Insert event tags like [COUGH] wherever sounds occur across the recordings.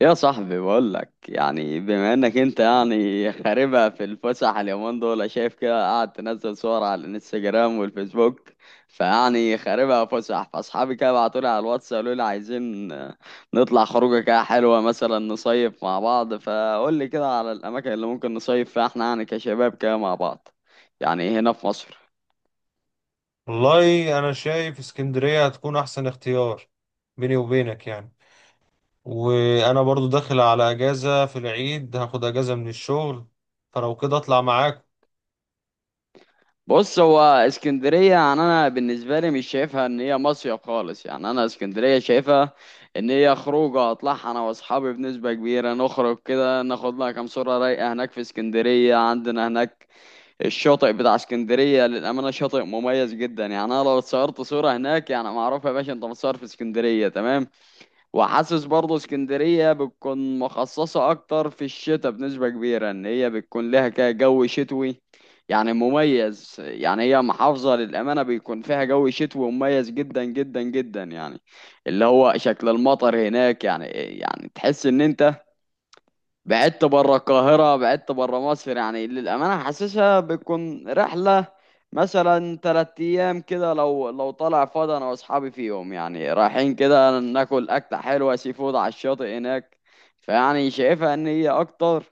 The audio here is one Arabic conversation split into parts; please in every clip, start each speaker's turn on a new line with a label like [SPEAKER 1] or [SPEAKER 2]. [SPEAKER 1] يا صاحبي، بقول لك يعني بما انك انت يعني خاربها في الفسح اليومين دول، شايف كده؟ قاعد تنزل صور على الانستجرام والفيسبوك. فيعني خاربها فسح، فاصحابي كده بعتوا لي على الواتس قالوا لي عايزين نطلع خروجه كده حلوه، مثلا نصيف مع بعض. فقول لي كده على الاماكن اللي ممكن نصيف فيها احنا يعني كشباب كده مع بعض، يعني هنا في مصر.
[SPEAKER 2] والله انا شايف اسكندرية هتكون احسن اختيار، بيني وبينك يعني. وانا برضو داخل على اجازة في العيد، هاخد اجازة من الشغل فلو كده اطلع معاك.
[SPEAKER 1] بص، هو اسكندرية يعني أنا بالنسبة لي مش شايفها إن هي مصيف خالص. يعني أنا اسكندرية شايفها إن هي خروجة أطلعها أنا وأصحابي بنسبة كبيرة، نخرج كده ناخد لها كام صورة رايقة هناك في اسكندرية. عندنا هناك الشاطئ بتاع اسكندرية للأمانة شاطئ مميز جدا. يعني أنا لو اتصورت صورة هناك يعني معروف يا باشا، أنت متصور في اسكندرية، تمام. وحاسس برضه اسكندرية بتكون مخصصة أكتر في الشتاء بنسبة كبيرة، إن هي بتكون لها كده جو شتوي يعني مميز. يعني هي محافظة للأمانة بيكون فيها جو شتوي مميز جدا جدا جدا، يعني اللي هو شكل المطر هناك يعني إيه، يعني تحس إن أنت بعدت بره القاهرة، بعدت بره مصر. يعني للأمانة حاسسها بتكون رحلة مثلا 3 أيام كده، لو طالع فاضي أنا وأصحابي فيهم، يعني رايحين كده ناكل أكلة حلوة سي فود على الشاطئ هناك. فيعني شايفها إن هي أكتر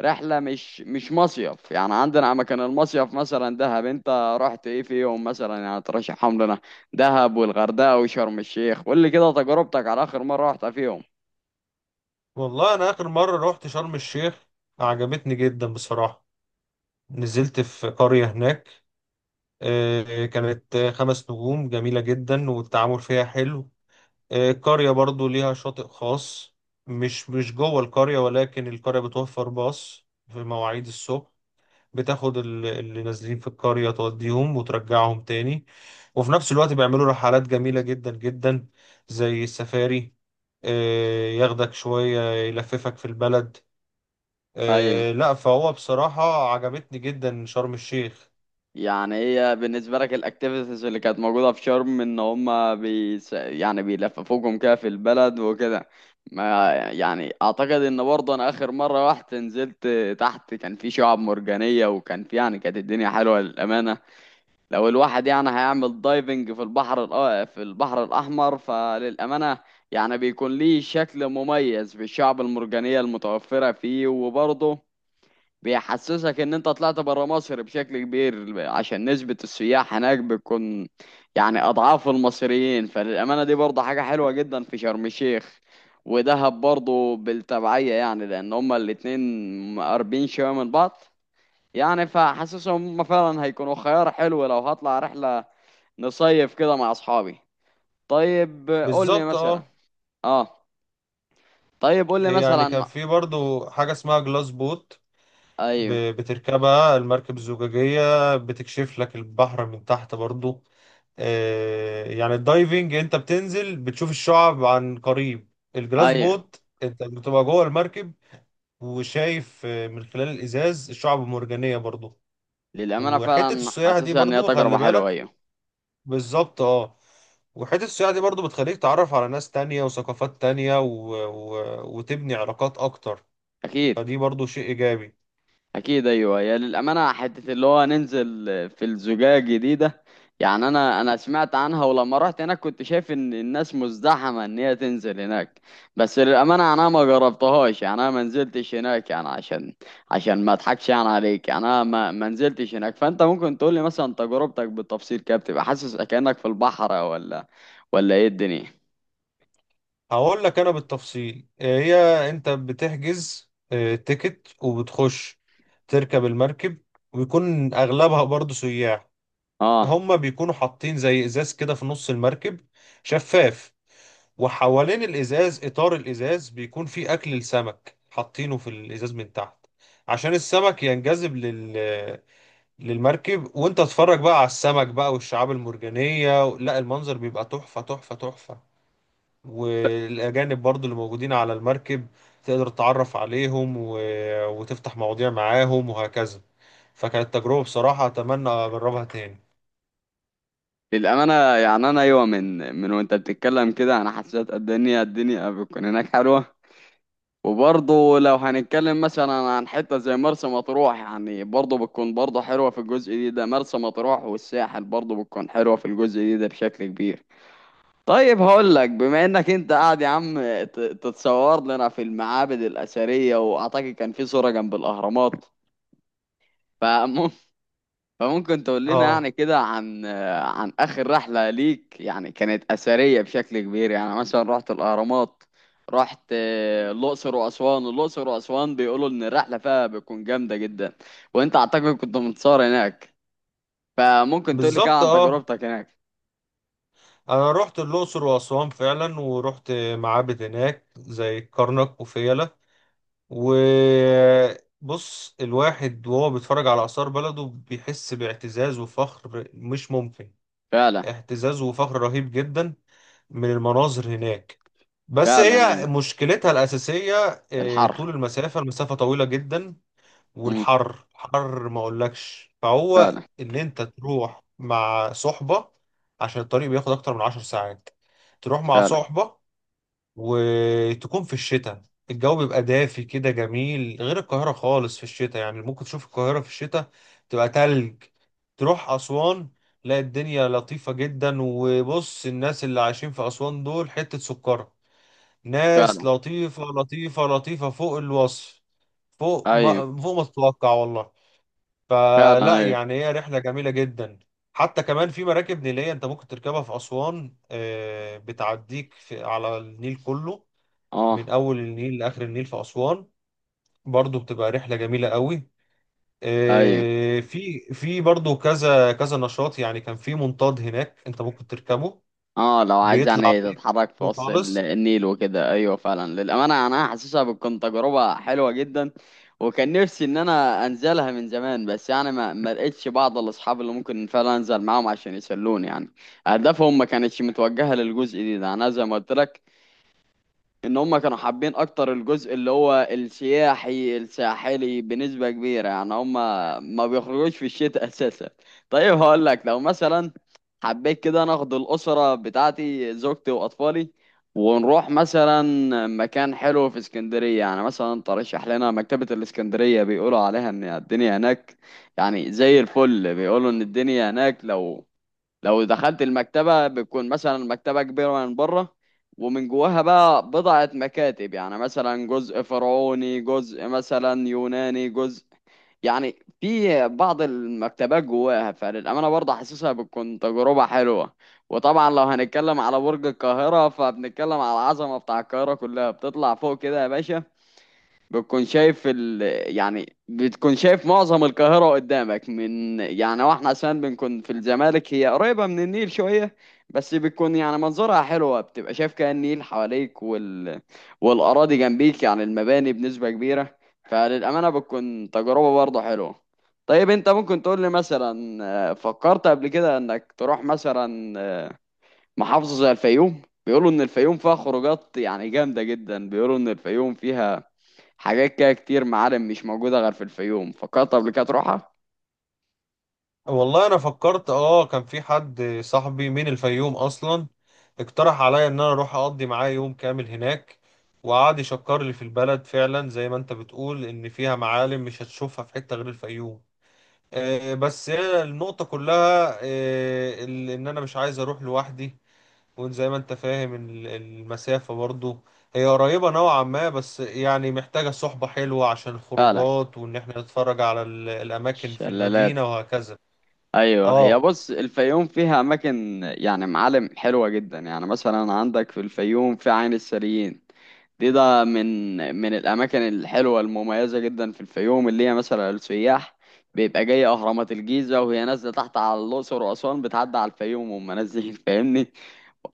[SPEAKER 1] رحلة، مش مصيف. يعني عندنا مكان المصيف مثلا دهب، أنت رحت إيه فيهم مثلا؟ يعني ترشحهم لنا. دهب والغردقة وشرم الشيخ، قول لي كده تجربتك على آخر مرة رحت فيهم.
[SPEAKER 2] والله انا اخر مرة رحت شرم الشيخ، عجبتني جدا بصراحة. نزلت في قرية هناك، كانت 5 نجوم جميلة جدا، والتعامل فيها حلو. القرية برضو ليها شاطئ خاص، مش جوه القرية، ولكن القرية بتوفر باص في مواعيد الصبح بتاخد اللي نازلين في القرية، توديهم وترجعهم تاني. وفي نفس الوقت بيعملوا رحلات جميلة جدا جدا، زي السفاري. ياخدك شوية يلففك في البلد.
[SPEAKER 1] أيوه.
[SPEAKER 2] لا فهو بصراحة عجبتني جدا شرم الشيخ.
[SPEAKER 1] يعني هي بالنسبة لك الأكتيفيتيز اللي كانت موجودة في شرم، إن هما يعني بيلففوكم كده في البلد وكده. ما يعني، أعتقد إن برضه أنا آخر مرة رحت نزلت تحت، كان في شعاب مرجانية، وكان في يعني كانت الدنيا حلوة للأمانة. لو الواحد يعني هيعمل دايفنج في البحر في البحر الأحمر، فللأمانة يعني بيكون ليه شكل مميز بالشعب المرجانية المتوفرة فيه. وبرضه بيحسسك ان انت طلعت برا مصر بشكل كبير، عشان نسبة السياح هناك بتكون يعني اضعاف المصريين. فللامانة دي برضه حاجة حلوة جدا في شرم الشيخ، ودهب برضه بالتبعية يعني، لان هما الاتنين قريبين شوية من بعض. يعني فحاسسهم هما فعلا هيكونوا خيار حلو لو هطلع رحلة نصيف كده مع اصحابي. طيب قول لي
[SPEAKER 2] بالظبط
[SPEAKER 1] مثلا.
[SPEAKER 2] اه.
[SPEAKER 1] اه. طيب قول لي
[SPEAKER 2] يعني كان
[SPEAKER 1] مثلا.
[SPEAKER 2] في برضو حاجة اسمها جلاس بوت،
[SPEAKER 1] ايوه.
[SPEAKER 2] بتركبها المركب الزجاجية، بتكشف لك البحر من تحت برضو. يعني الدايفنج انت بتنزل بتشوف الشعب عن قريب، الجلاس
[SPEAKER 1] ايوه.
[SPEAKER 2] بوت انت بتبقى جوه المركب وشايف، من خلال الازاز الشعب المرجانية برضو.
[SPEAKER 1] للامانة
[SPEAKER 2] وحتة
[SPEAKER 1] فعلا
[SPEAKER 2] السياحة دي
[SPEAKER 1] حاسسها ان هي
[SPEAKER 2] برضو خلي
[SPEAKER 1] تجربة حلوة،
[SPEAKER 2] بالك.
[SPEAKER 1] ايوه.
[SPEAKER 2] بالظبط اه. وحتة السياحة دي برضو بتخليك تعرف على ناس تانية وثقافات تانية وتبني علاقات اكتر،
[SPEAKER 1] اكيد.
[SPEAKER 2] فدي برضو شيء ايجابي.
[SPEAKER 1] اكيد، ايوه. يا للامانه، حته اللي هو ننزل في الزجاجه دي ده. يعني انا سمعت عنها، ولما رحت هناك كنت شايف ان الناس مزدحمه ان هي تنزل هناك. بس للامانه انا ما جربتهاش، يعني انا ما نزلتش هناك، يعني عشان ما اضحكش يعني عليك. يعني انا ما نزلتش هناك. فانت ممكن تقول لي مثلا تجربتك بالتفصيل كده؟ بتبقى حاسس كانك في البحر، ولا ايه الدنيا؟
[SPEAKER 2] هقول لك انا بالتفصيل. هي انت بتحجز تيكت وبتخش تركب المركب، ويكون اغلبها برضو سياح.
[SPEAKER 1] اه.
[SPEAKER 2] هما بيكونوا حاطين زي ازاز كده في نص المركب، شفاف، وحوالين الازاز اطار الازاز بيكون فيه اكل السمك، حاطينه في الازاز من تحت عشان السمك ينجذب للمركب، وانت تتفرج بقى على السمك بقى والشعاب المرجانية. لا المنظر بيبقى تحفة تحفة تحفة. والأجانب برضو اللي موجودين على المركب تقدر تتعرف عليهم و... وتفتح مواضيع معاهم وهكذا. فكانت تجربة بصراحة أتمنى أجربها تاني.
[SPEAKER 1] للأمانة، يعني أنا أيوة، من وأنت بتتكلم كده أنا حسيت قد إن هي الدنيا بتكون هناك حلوة. وبرضه لو هنتكلم مثلا عن حتة زي مرسى مطروح، يعني برضه بتكون برضه حلوة في الجزء دي ده، مرسى مطروح والساحل برضه بتكون حلوة في الجزء دي ده بشكل كبير. طيب هقول لك، بما انك انت قاعد يا عم تتصور لنا في المعابد الأثرية، واعتقد كان في صورة جنب الأهرامات. فممكن فممكن تقول لنا
[SPEAKER 2] اه.
[SPEAKER 1] يعني كده عن آخر رحلة ليك. يعني كانت أثرية بشكل كبير يعني، مثلا رحت الأهرامات، رحت الأقصر وأسوان. الأقصر وأسوان بيقولوا إن الرحلة فيها بتكون جامدة جدا، وأنت أعتقد كنت متصور هناك. فممكن تقول لي كده
[SPEAKER 2] بالظبط
[SPEAKER 1] عن
[SPEAKER 2] اه.
[SPEAKER 1] تجربتك هناك.
[SPEAKER 2] أنا رحت الأقصر وأسوان فعلا، ورحت معابد هناك زي كرنك وفيلة. وبص الواحد وهو بيتفرج على آثار بلده بيحس باعتزاز وفخر مش ممكن،
[SPEAKER 1] فعلا.
[SPEAKER 2] اعتزاز وفخر رهيب جدا من المناظر هناك. بس
[SPEAKER 1] فعلا
[SPEAKER 2] هي
[SPEAKER 1] أيوه.
[SPEAKER 2] مشكلتها الأساسية
[SPEAKER 1] الحر.
[SPEAKER 2] طول المسافة، المسافة طويلة جدا،
[SPEAKER 1] امم
[SPEAKER 2] والحر حر ما أقولكش. فهو
[SPEAKER 1] فعلا.
[SPEAKER 2] إن أنت تروح مع صحبة، عشان الطريق بياخد أكتر من 10 ساعات. تروح مع
[SPEAKER 1] فعلا.
[SPEAKER 2] صحبة وتكون في الشتاء، الجو بيبقى دافي كده جميل غير القاهرة خالص. في الشتاء يعني ممكن تشوف القاهرة في الشتاء تبقى تلج، تروح أسوان لا الدنيا لطيفة جدا. وبص الناس اللي عايشين في أسوان دول حتة سكر، ناس
[SPEAKER 1] فعلا
[SPEAKER 2] لطيفة لطيفة لطيفة فوق الوصف، فوق
[SPEAKER 1] أيوه.
[SPEAKER 2] ما فوق ما تتوقع والله.
[SPEAKER 1] فعلا
[SPEAKER 2] فلا
[SPEAKER 1] أيوه.
[SPEAKER 2] يعني هي رحلة جميلة جدا. حتى كمان في مراكب نيلية انت ممكن تركبها في أسوان، بتعديك في على النيل كله،
[SPEAKER 1] أه.
[SPEAKER 2] من أول النيل لآخر النيل في أسوان، برضو بتبقى رحلة جميلة قوي.
[SPEAKER 1] أيوه.
[SPEAKER 2] في برضو كذا كذا نشاط. يعني كان في منطاد هناك انت ممكن تركبه،
[SPEAKER 1] اه، لو عايز
[SPEAKER 2] بيطلع
[SPEAKER 1] يعني
[SPEAKER 2] بيك
[SPEAKER 1] تتحرك في وسط
[SPEAKER 2] خالص.
[SPEAKER 1] النيل وكده، ايوه فعلا للامانه يعني انا حاسسها بتكون تجربه حلوه جدا. وكان نفسي ان انا انزلها من زمان، بس يعني ما لقيتش بعض الاصحاب اللي ممكن فعلا انزل معاهم عشان يسلوني يعني. اهدافهم ما كانتش متوجهه للجزء دي ده، انا زي ما قلت لك ان هم كانوا حابين اكتر الجزء اللي هو السياحي الساحلي بنسبة كبيرة. يعني هم ما بيخرجوش في الشتاء [LAUGHS] اساسا. طيب هقول لك، لو مثلا حبيت كده ناخد الاسرة بتاعتي زوجتي واطفالي ونروح مثلا مكان حلو في اسكندرية. يعني مثلا ترشح لنا مكتبة الاسكندرية، بيقولوا عليها ان الدنيا هناك يعني زي الفل. بيقولوا ان الدنيا هناك، لو دخلت المكتبة بتكون مثلا المكتبة كبيرة من بره، ومن جواها بقى بضعة مكاتب، يعني مثلا جزء فرعوني، جزء مثلا يوناني، جزء يعني في بعض المكتبات جواها. فللأمانة برضه حاسسها بتكون تجربة حلوة. وطبعا لو هنتكلم على برج القاهرة فبنتكلم على العظمة بتاع القاهرة كلها، بتطلع فوق كده يا باشا، بتكون شايف يعني بتكون شايف معظم القاهرة قدامك. من يعني، واحنا عشان بنكون في الزمالك هي قريبة من النيل شوية، بس بتكون يعني منظرها حلوة، بتبقى شايف كأن النيل حواليك والأراضي جنبيك، يعني المباني بنسبة كبيرة. فللأمانة بتكون تجربة برضه حلوة. طيب انت ممكن تقول لي مثلا، فكرت قبل كده انك تروح مثلا محافظة زي الفيوم؟ بيقولوا ان الفيوم فيها خروجات يعني جامدة جدا، بيقولوا ان الفيوم فيها حاجات كده كتير، معالم مش موجودة غير في الفيوم. فكرت قبل كده تروحها؟
[SPEAKER 2] والله انا فكرت اه، كان في حد صاحبي من الفيوم اصلا، اقترح عليا ان انا اروح اقضي معاه يوم كامل هناك، وقعد يشكر لي في البلد، فعلا زي ما انت بتقول ان فيها معالم مش هتشوفها في حتة غير الفيوم. بس هي النقطة كلها، ان انا مش عايز اروح لوحدي، وان زي ما انت فاهم المسافة برضو هي قريبة نوعا ما، بس يعني محتاجة صحبة حلوة عشان
[SPEAKER 1] فعلا.
[SPEAKER 2] الخروجات، وان احنا نتفرج على الاماكن في
[SPEAKER 1] شلالات.
[SPEAKER 2] المدينة وهكذا.
[SPEAKER 1] ايوه، هي
[SPEAKER 2] اه.
[SPEAKER 1] بص الفيوم فيها اماكن يعني معالم حلوة جدا. يعني مثلا عندك في الفيوم في عين السريين. دي ده من الاماكن الحلوه المميزه جدا في الفيوم، اللي هي مثلا السياح بيبقى جاي اهرامات الجيزه وهي نازله تحت على الاقصر واسوان، بتعدي على الفيوم وهم نازلين [LAUGHS] فاهمني.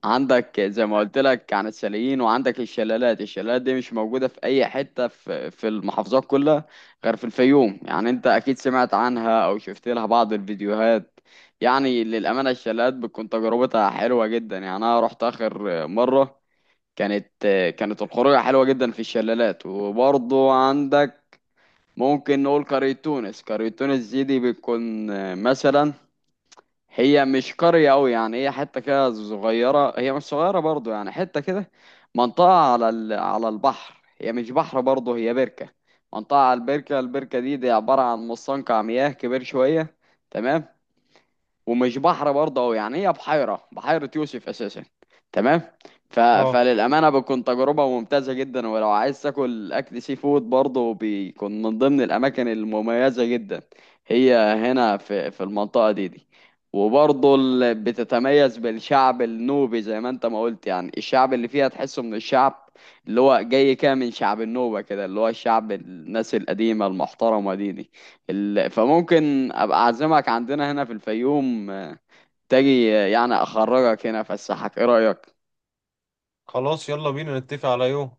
[SPEAKER 1] عندك زي ما قلت لك عن الشاليين، وعندك الشلالات. الشلالات دي مش موجودة في أي حتة في المحافظات كلها غير في الفيوم. يعني أنت أكيد سمعت عنها أو شفت لها بعض الفيديوهات. يعني للأمانة الشلالات بتكون تجربتها حلوة جدا. يعني أنا رحت آخر مرة، كانت كانت الخروجة حلوة جدا في الشلالات. وبرضه عندك، ممكن نقول قرية تونس. قرية تونس دي بتكون مثلا، هي مش قرية أوي يعني، هي حتة كده صغيرة، هي مش صغيرة برضو يعني، حتة كده منطقة على على البحر. هي مش بحر برضو، هي بركة. منطقة على البركة. البركة دي عبارة عن مستنقع مياه كبير شوية. تمام. ومش بحر برضه أوي، يعني هي بحيرة، بحيرة يوسف أساسا. تمام.
[SPEAKER 2] اه.
[SPEAKER 1] فللأمانة بتكون تجربة ممتازة جدا، ولو عايز تاكل أكل سي فود برضه بيكون من ضمن الأماكن المميزة جدا هي هنا في المنطقة دي. وبرضه بتتميز بالشعب النوبي زي ما انت ما قلت. يعني الشعب اللي فيها تحسه من الشعب اللي هو جاي كده من شعب النوبة كده، اللي هو الشعب الناس القديمة المحترمة دي. فممكن ابقى اعزمك عندنا هنا في الفيوم، تجي يعني اخرجك هنا افسحك. ايه رايك؟
[SPEAKER 2] خلاص يلا بينا نتفق على يوم.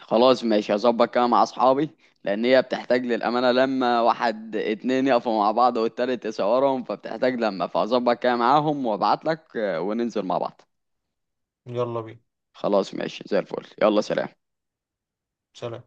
[SPEAKER 1] خلاص ماشي، هظبط كده مع اصحابي. لان هي بتحتاج للامانه لما واحد اتنين يقفوا مع بعض والتالت يصورهم، فبتحتاج لما، فهظبط كده معاهم وابعت لك، وننزل مع بعض.
[SPEAKER 2] يلا بينا.
[SPEAKER 1] خلاص ماشي، زي الفل. يلا سلام.
[SPEAKER 2] سلام.